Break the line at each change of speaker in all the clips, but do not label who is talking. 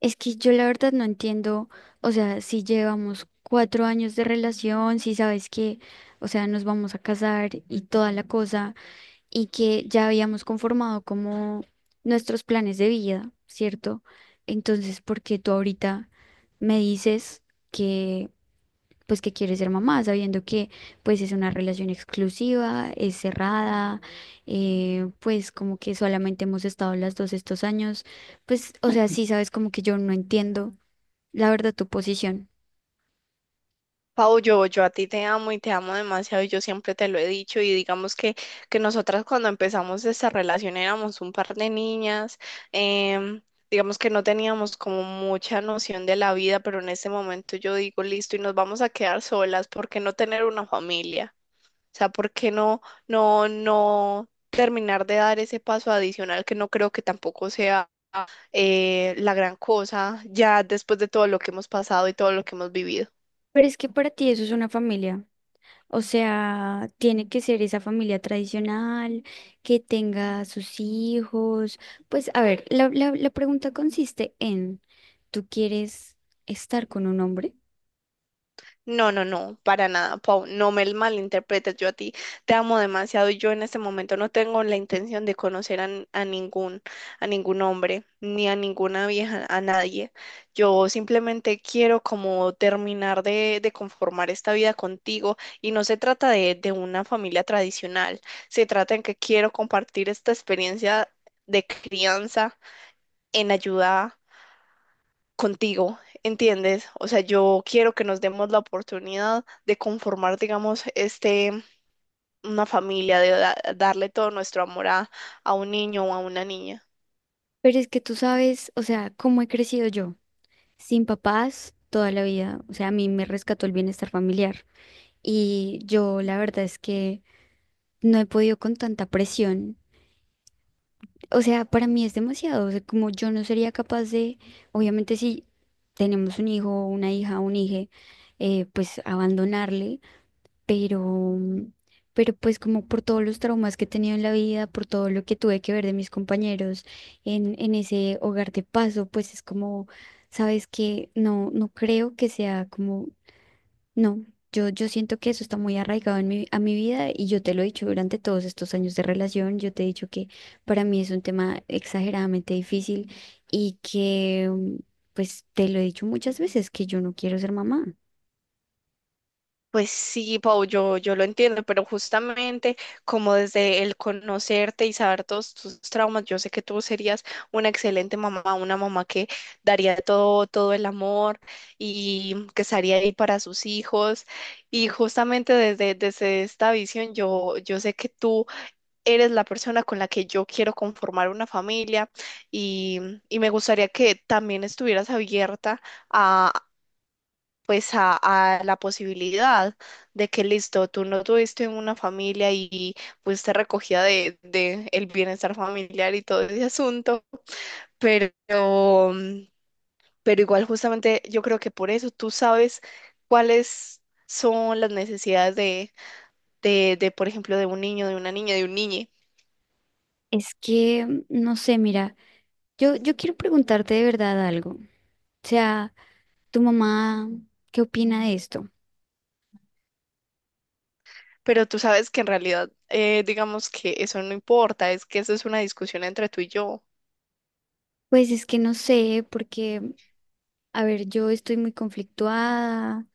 Es que yo la verdad no entiendo, o sea, si llevamos 4 años de relación, si sabes que, o sea, nos vamos a casar y toda la cosa, y que ya habíamos conformado como nuestros planes de vida, ¿cierto? Entonces, ¿por qué tú ahorita me dices pues que quiere ser mamá, sabiendo que pues es una relación exclusiva, es cerrada, pues como que solamente hemos estado las dos estos años, pues o sea, sí sabes como que yo no entiendo la verdad tu posición,
Pau, yo a ti te amo y te amo demasiado y yo siempre te lo he dicho y digamos que nosotras cuando empezamos esta relación éramos un par de niñas, em, digamos que no teníamos como mucha noción de la vida, pero en este momento yo digo, listo, y nos vamos a quedar solas, ¿por qué no tener una familia? O sea, ¿por qué no terminar de dar ese paso adicional que no creo que tampoco sea la gran cosa ya después de todo lo que hemos pasado y todo lo que hemos vivido?
pero es que para ti eso es una familia. O sea, tiene que ser esa familia tradicional, que tenga sus hijos. Pues, a ver, la pregunta consiste en, ¿tú quieres estar con un hombre?
No, no, no, para nada, Pau, no me malinterpretes, yo a ti te amo demasiado y yo en este momento no tengo la intención de conocer a, a ningún hombre, ni a ninguna vieja, a nadie. Yo simplemente quiero como terminar de conformar esta vida contigo y no se trata de una familia tradicional, se trata en que quiero compartir esta experiencia de crianza en ayuda contigo, ¿entiendes? O sea, yo quiero que nos demos la oportunidad de conformar, digamos, este, una familia, de darle todo nuestro amor a un niño o a una niña.
Pero es que tú sabes, o sea, cómo he crecido yo, sin papás toda la vida. O sea, a mí me rescató el bienestar familiar. Y yo la verdad es que no he podido con tanta presión. O sea, para mí es demasiado. O sea, como yo no sería capaz de, obviamente si tenemos un hijo, una hija, un hije, pues abandonarle, pero. Pero pues como por todos los traumas que he tenido en la vida, por todo lo que tuve que ver de mis compañeros en ese hogar de paso, pues es como, sabes que no, no creo que sea como. No, yo siento que eso está muy arraigado a mi vida y yo te lo he dicho durante todos estos años de relación, yo te he dicho que para mí es un tema exageradamente difícil y que, pues te lo he dicho muchas veces, que yo no quiero ser mamá.
Pues sí, Pau, yo lo entiendo, pero justamente como desde el conocerte y saber todos tus traumas, yo sé que tú serías una excelente mamá, una mamá que daría todo, todo el amor y que estaría ahí para sus hijos. Y justamente desde esta visión, yo sé que tú eres la persona con la que yo quiero conformar una familia y, y me gustaría que también estuvieras abierta a, pues a la posibilidad de que listo, tú no tuviste una familia y fuiste recogida de el bienestar familiar y todo ese asunto, pero, pero igual justamente yo creo que por eso tú sabes cuáles son las necesidades de, por ejemplo, de un niño, de una niña, de un niñe.
Es que, no sé, mira, yo quiero preguntarte de verdad algo. O sea, ¿tu mamá qué opina de esto?
Pero tú sabes que en realidad, digamos que eso no importa, es que eso es una discusión entre tú y yo.
Pues es que no sé, porque. A ver, yo estoy muy conflictuada.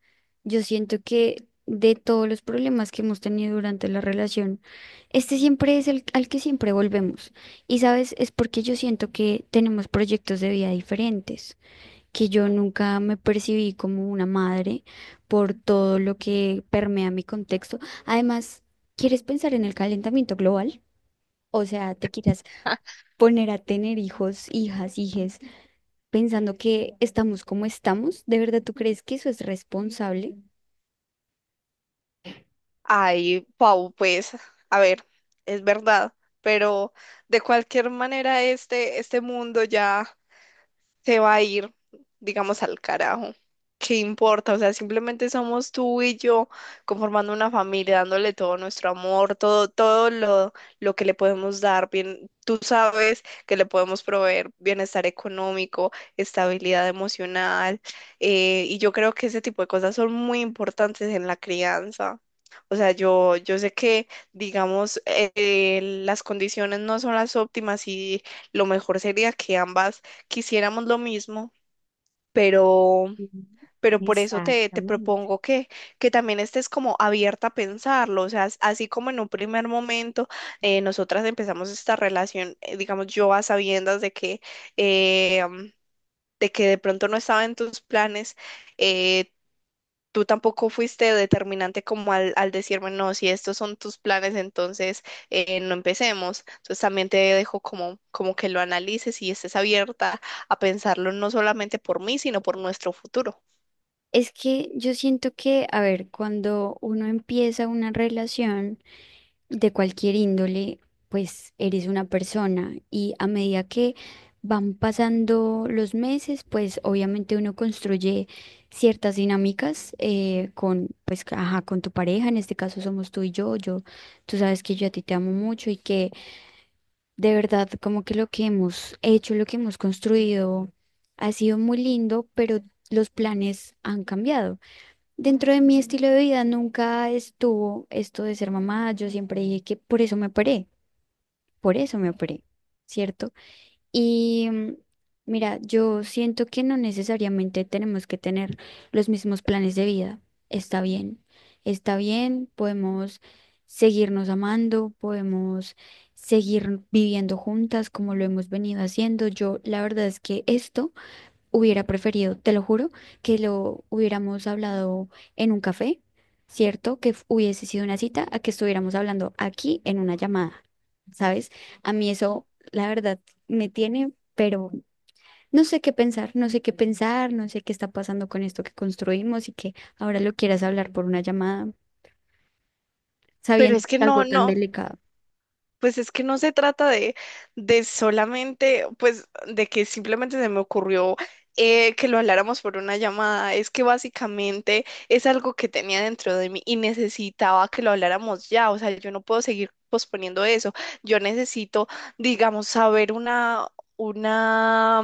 Yo siento que de todos los problemas que hemos tenido durante la relación, este siempre es el al que siempre volvemos. Y sabes, es porque yo siento que tenemos proyectos de vida diferentes, que yo nunca me percibí como una madre por todo lo que permea mi contexto. Además, ¿quieres pensar en el calentamiento global? O sea, te quieras poner a tener hijos, hijas, hijes pensando que estamos como estamos, ¿de verdad tú crees que eso es responsable?
Ay, Pau, pues, a ver, es verdad, pero de cualquier manera este mundo ya se va a ir, digamos, al carajo. ¿Qué importa? O sea, simplemente somos tú y yo conformando una familia, dándole todo nuestro amor, todo, lo que le podemos dar. Bien, tú sabes que le podemos proveer bienestar económico, estabilidad emocional, y yo creo que ese tipo de cosas son muy importantes en la crianza. O sea, yo sé que, digamos, las condiciones no son las óptimas y lo mejor sería que ambas quisiéramos lo mismo, pero, pero por eso te, te propongo que también estés como abierta a pensarlo, o sea, así como en un primer momento nosotras empezamos esta relación, digamos, yo a sabiendas de que eh, de que de pronto no estaba en tus planes, eh, tú tampoco fuiste determinante como al decirme, no, si estos son tus planes, entonces no empecemos. Entonces también te dejo como, como que lo analices y estés abierta a pensarlo no solamente por mí, sino por nuestro futuro.
Es que yo siento que, a ver, cuando uno empieza una relación de cualquier índole, pues eres una persona y a medida que van pasando los meses, pues obviamente uno construye ciertas dinámicas pues, ajá, con tu pareja, en este caso somos tú y yo, tú sabes que yo a ti te amo mucho y que. De verdad, como que lo que hemos hecho, lo que hemos construido ha sido muy lindo, pero los planes han cambiado. Dentro de mi estilo de vida nunca estuvo esto de ser mamá. Yo siempre dije que por eso me operé, por eso me operé, ¿cierto? Y mira, yo siento que no necesariamente tenemos que tener los mismos planes de vida. Está bien, está bien, podemos seguirnos amando, podemos seguir viviendo juntas como lo hemos venido haciendo. Yo, la verdad es que esto. Hubiera preferido, te lo juro, que lo hubiéramos hablado en un café, ¿cierto? Que hubiese sido una cita a que estuviéramos hablando aquí en una llamada, ¿sabes? A mí eso, la verdad, me tiene, pero no sé qué pensar, no sé qué pensar, no sé qué está pasando con esto que construimos y que ahora lo quieras hablar por una llamada,
Pero
sabiendo
es
que
que
es algo tan
no.
delicado.
Pues es que no se trata de solamente, pues, de que simplemente se me ocurrió que lo habláramos por una llamada. Es que básicamente es algo que tenía dentro de mí y necesitaba que lo habláramos ya. O sea, yo no puedo seguir posponiendo eso. Yo necesito, digamos, saber una, una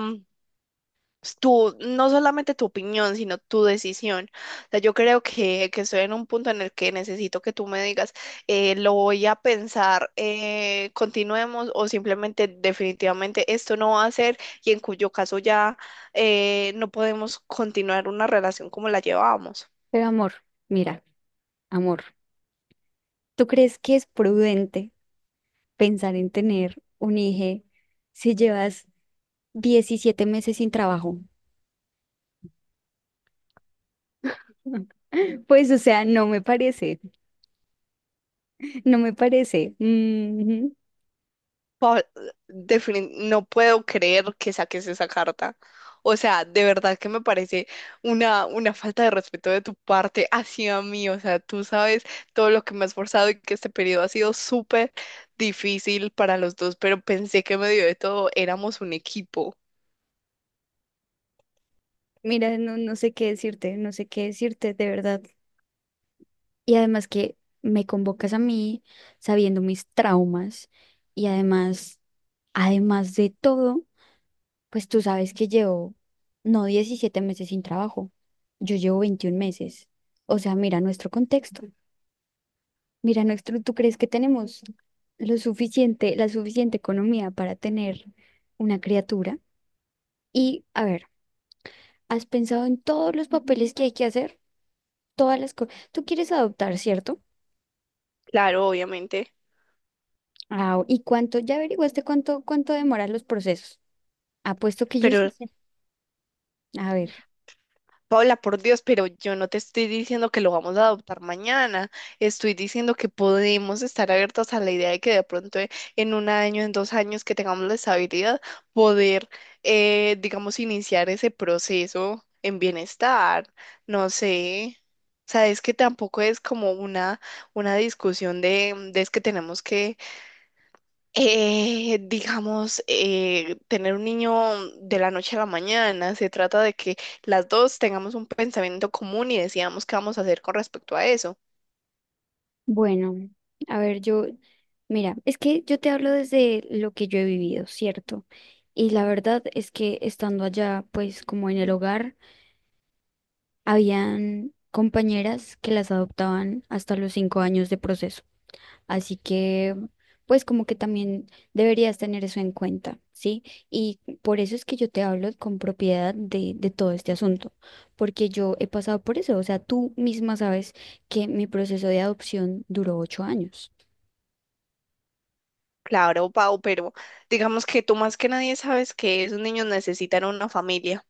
no solamente tu opinión, sino tu decisión. O sea, yo creo que estoy en un punto en el que necesito que tú me digas, lo voy a pensar, continuemos o simplemente definitivamente esto no va a ser y en cuyo caso ya no podemos continuar una relación como la llevábamos.
Pero amor, mira, amor, ¿tú crees que es prudente pensar en tener un hijo si llevas 17 meses sin trabajo? Pues, o sea, no me parece, no me parece. Ujú.
Defini- no puedo creer que saques esa carta. O sea, de verdad que me parece una falta de respeto de tu parte hacia mí. O sea, tú sabes todo lo que me he esforzado y que este periodo ha sido súper difícil para los dos, pero pensé que medio de todo éramos un equipo.
Mira, no, no sé qué decirte, no sé qué decirte, de verdad. Y además que me convocas a mí sabiendo mis traumas y además, además de todo, pues tú sabes que llevo, no 17 meses sin trabajo, yo llevo 21 meses. O sea, mira nuestro contexto. Mira, nuestro, ¿tú crees que tenemos lo suficiente, la suficiente economía para tener una criatura? Y, a ver, ¿has pensado en todos los papeles que hay que hacer? Todas las cosas. Tú quieres adoptar, ¿cierto?
Claro, obviamente.
Ah, ¿y cuánto? ¿Ya averiguaste cuánto demoran los procesos? Apuesto que yo
Pero
sí sé. A ver,
Paula, por Dios, pero yo no te estoy diciendo que lo vamos a adoptar mañana, estoy diciendo que podemos estar abiertos a la idea de que de pronto en un año, en dos años que tengamos la estabilidad, poder, digamos, iniciar ese proceso en bienestar, no sé. Sabes que tampoco es como una discusión de, de es que tenemos que digamos, tener un niño de la noche a la mañana. Se trata de que las dos tengamos un pensamiento común y decidamos qué vamos a hacer con respecto a eso.
bueno, a ver, yo, mira, es que yo te hablo desde lo que yo he vivido, ¿cierto? Y la verdad es que estando allá, pues como en el hogar, habían compañeras que las adoptaban hasta los 5 años de proceso. Así que, pues como que también deberías tener eso en cuenta, ¿sí? Y por eso es que yo te hablo con propiedad de todo este asunto, porque yo he pasado por eso. O sea, tú misma sabes que mi proceso de adopción duró 8 años.
Claro, Pau, pero digamos que tú más que nadie sabes que esos niños necesitan una familia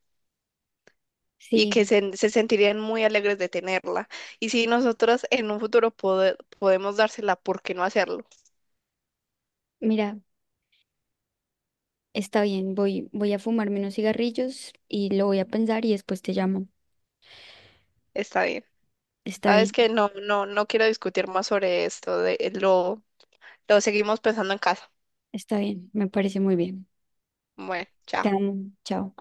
y que
Sí,
se sentirían muy alegres de tenerla. Y si nosotros en un futuro podemos dársela, ¿por qué no hacerlo?
mira, está bien, voy a fumarme unos cigarrillos y lo voy a pensar y después te llamo.
Está bien.
Está
Sabes
bien,
que no, no, no quiero discutir más sobre esto, de, lo seguimos pensando en casa.
está bien, me parece muy bien.
Bueno, chao.
Te amo, chao.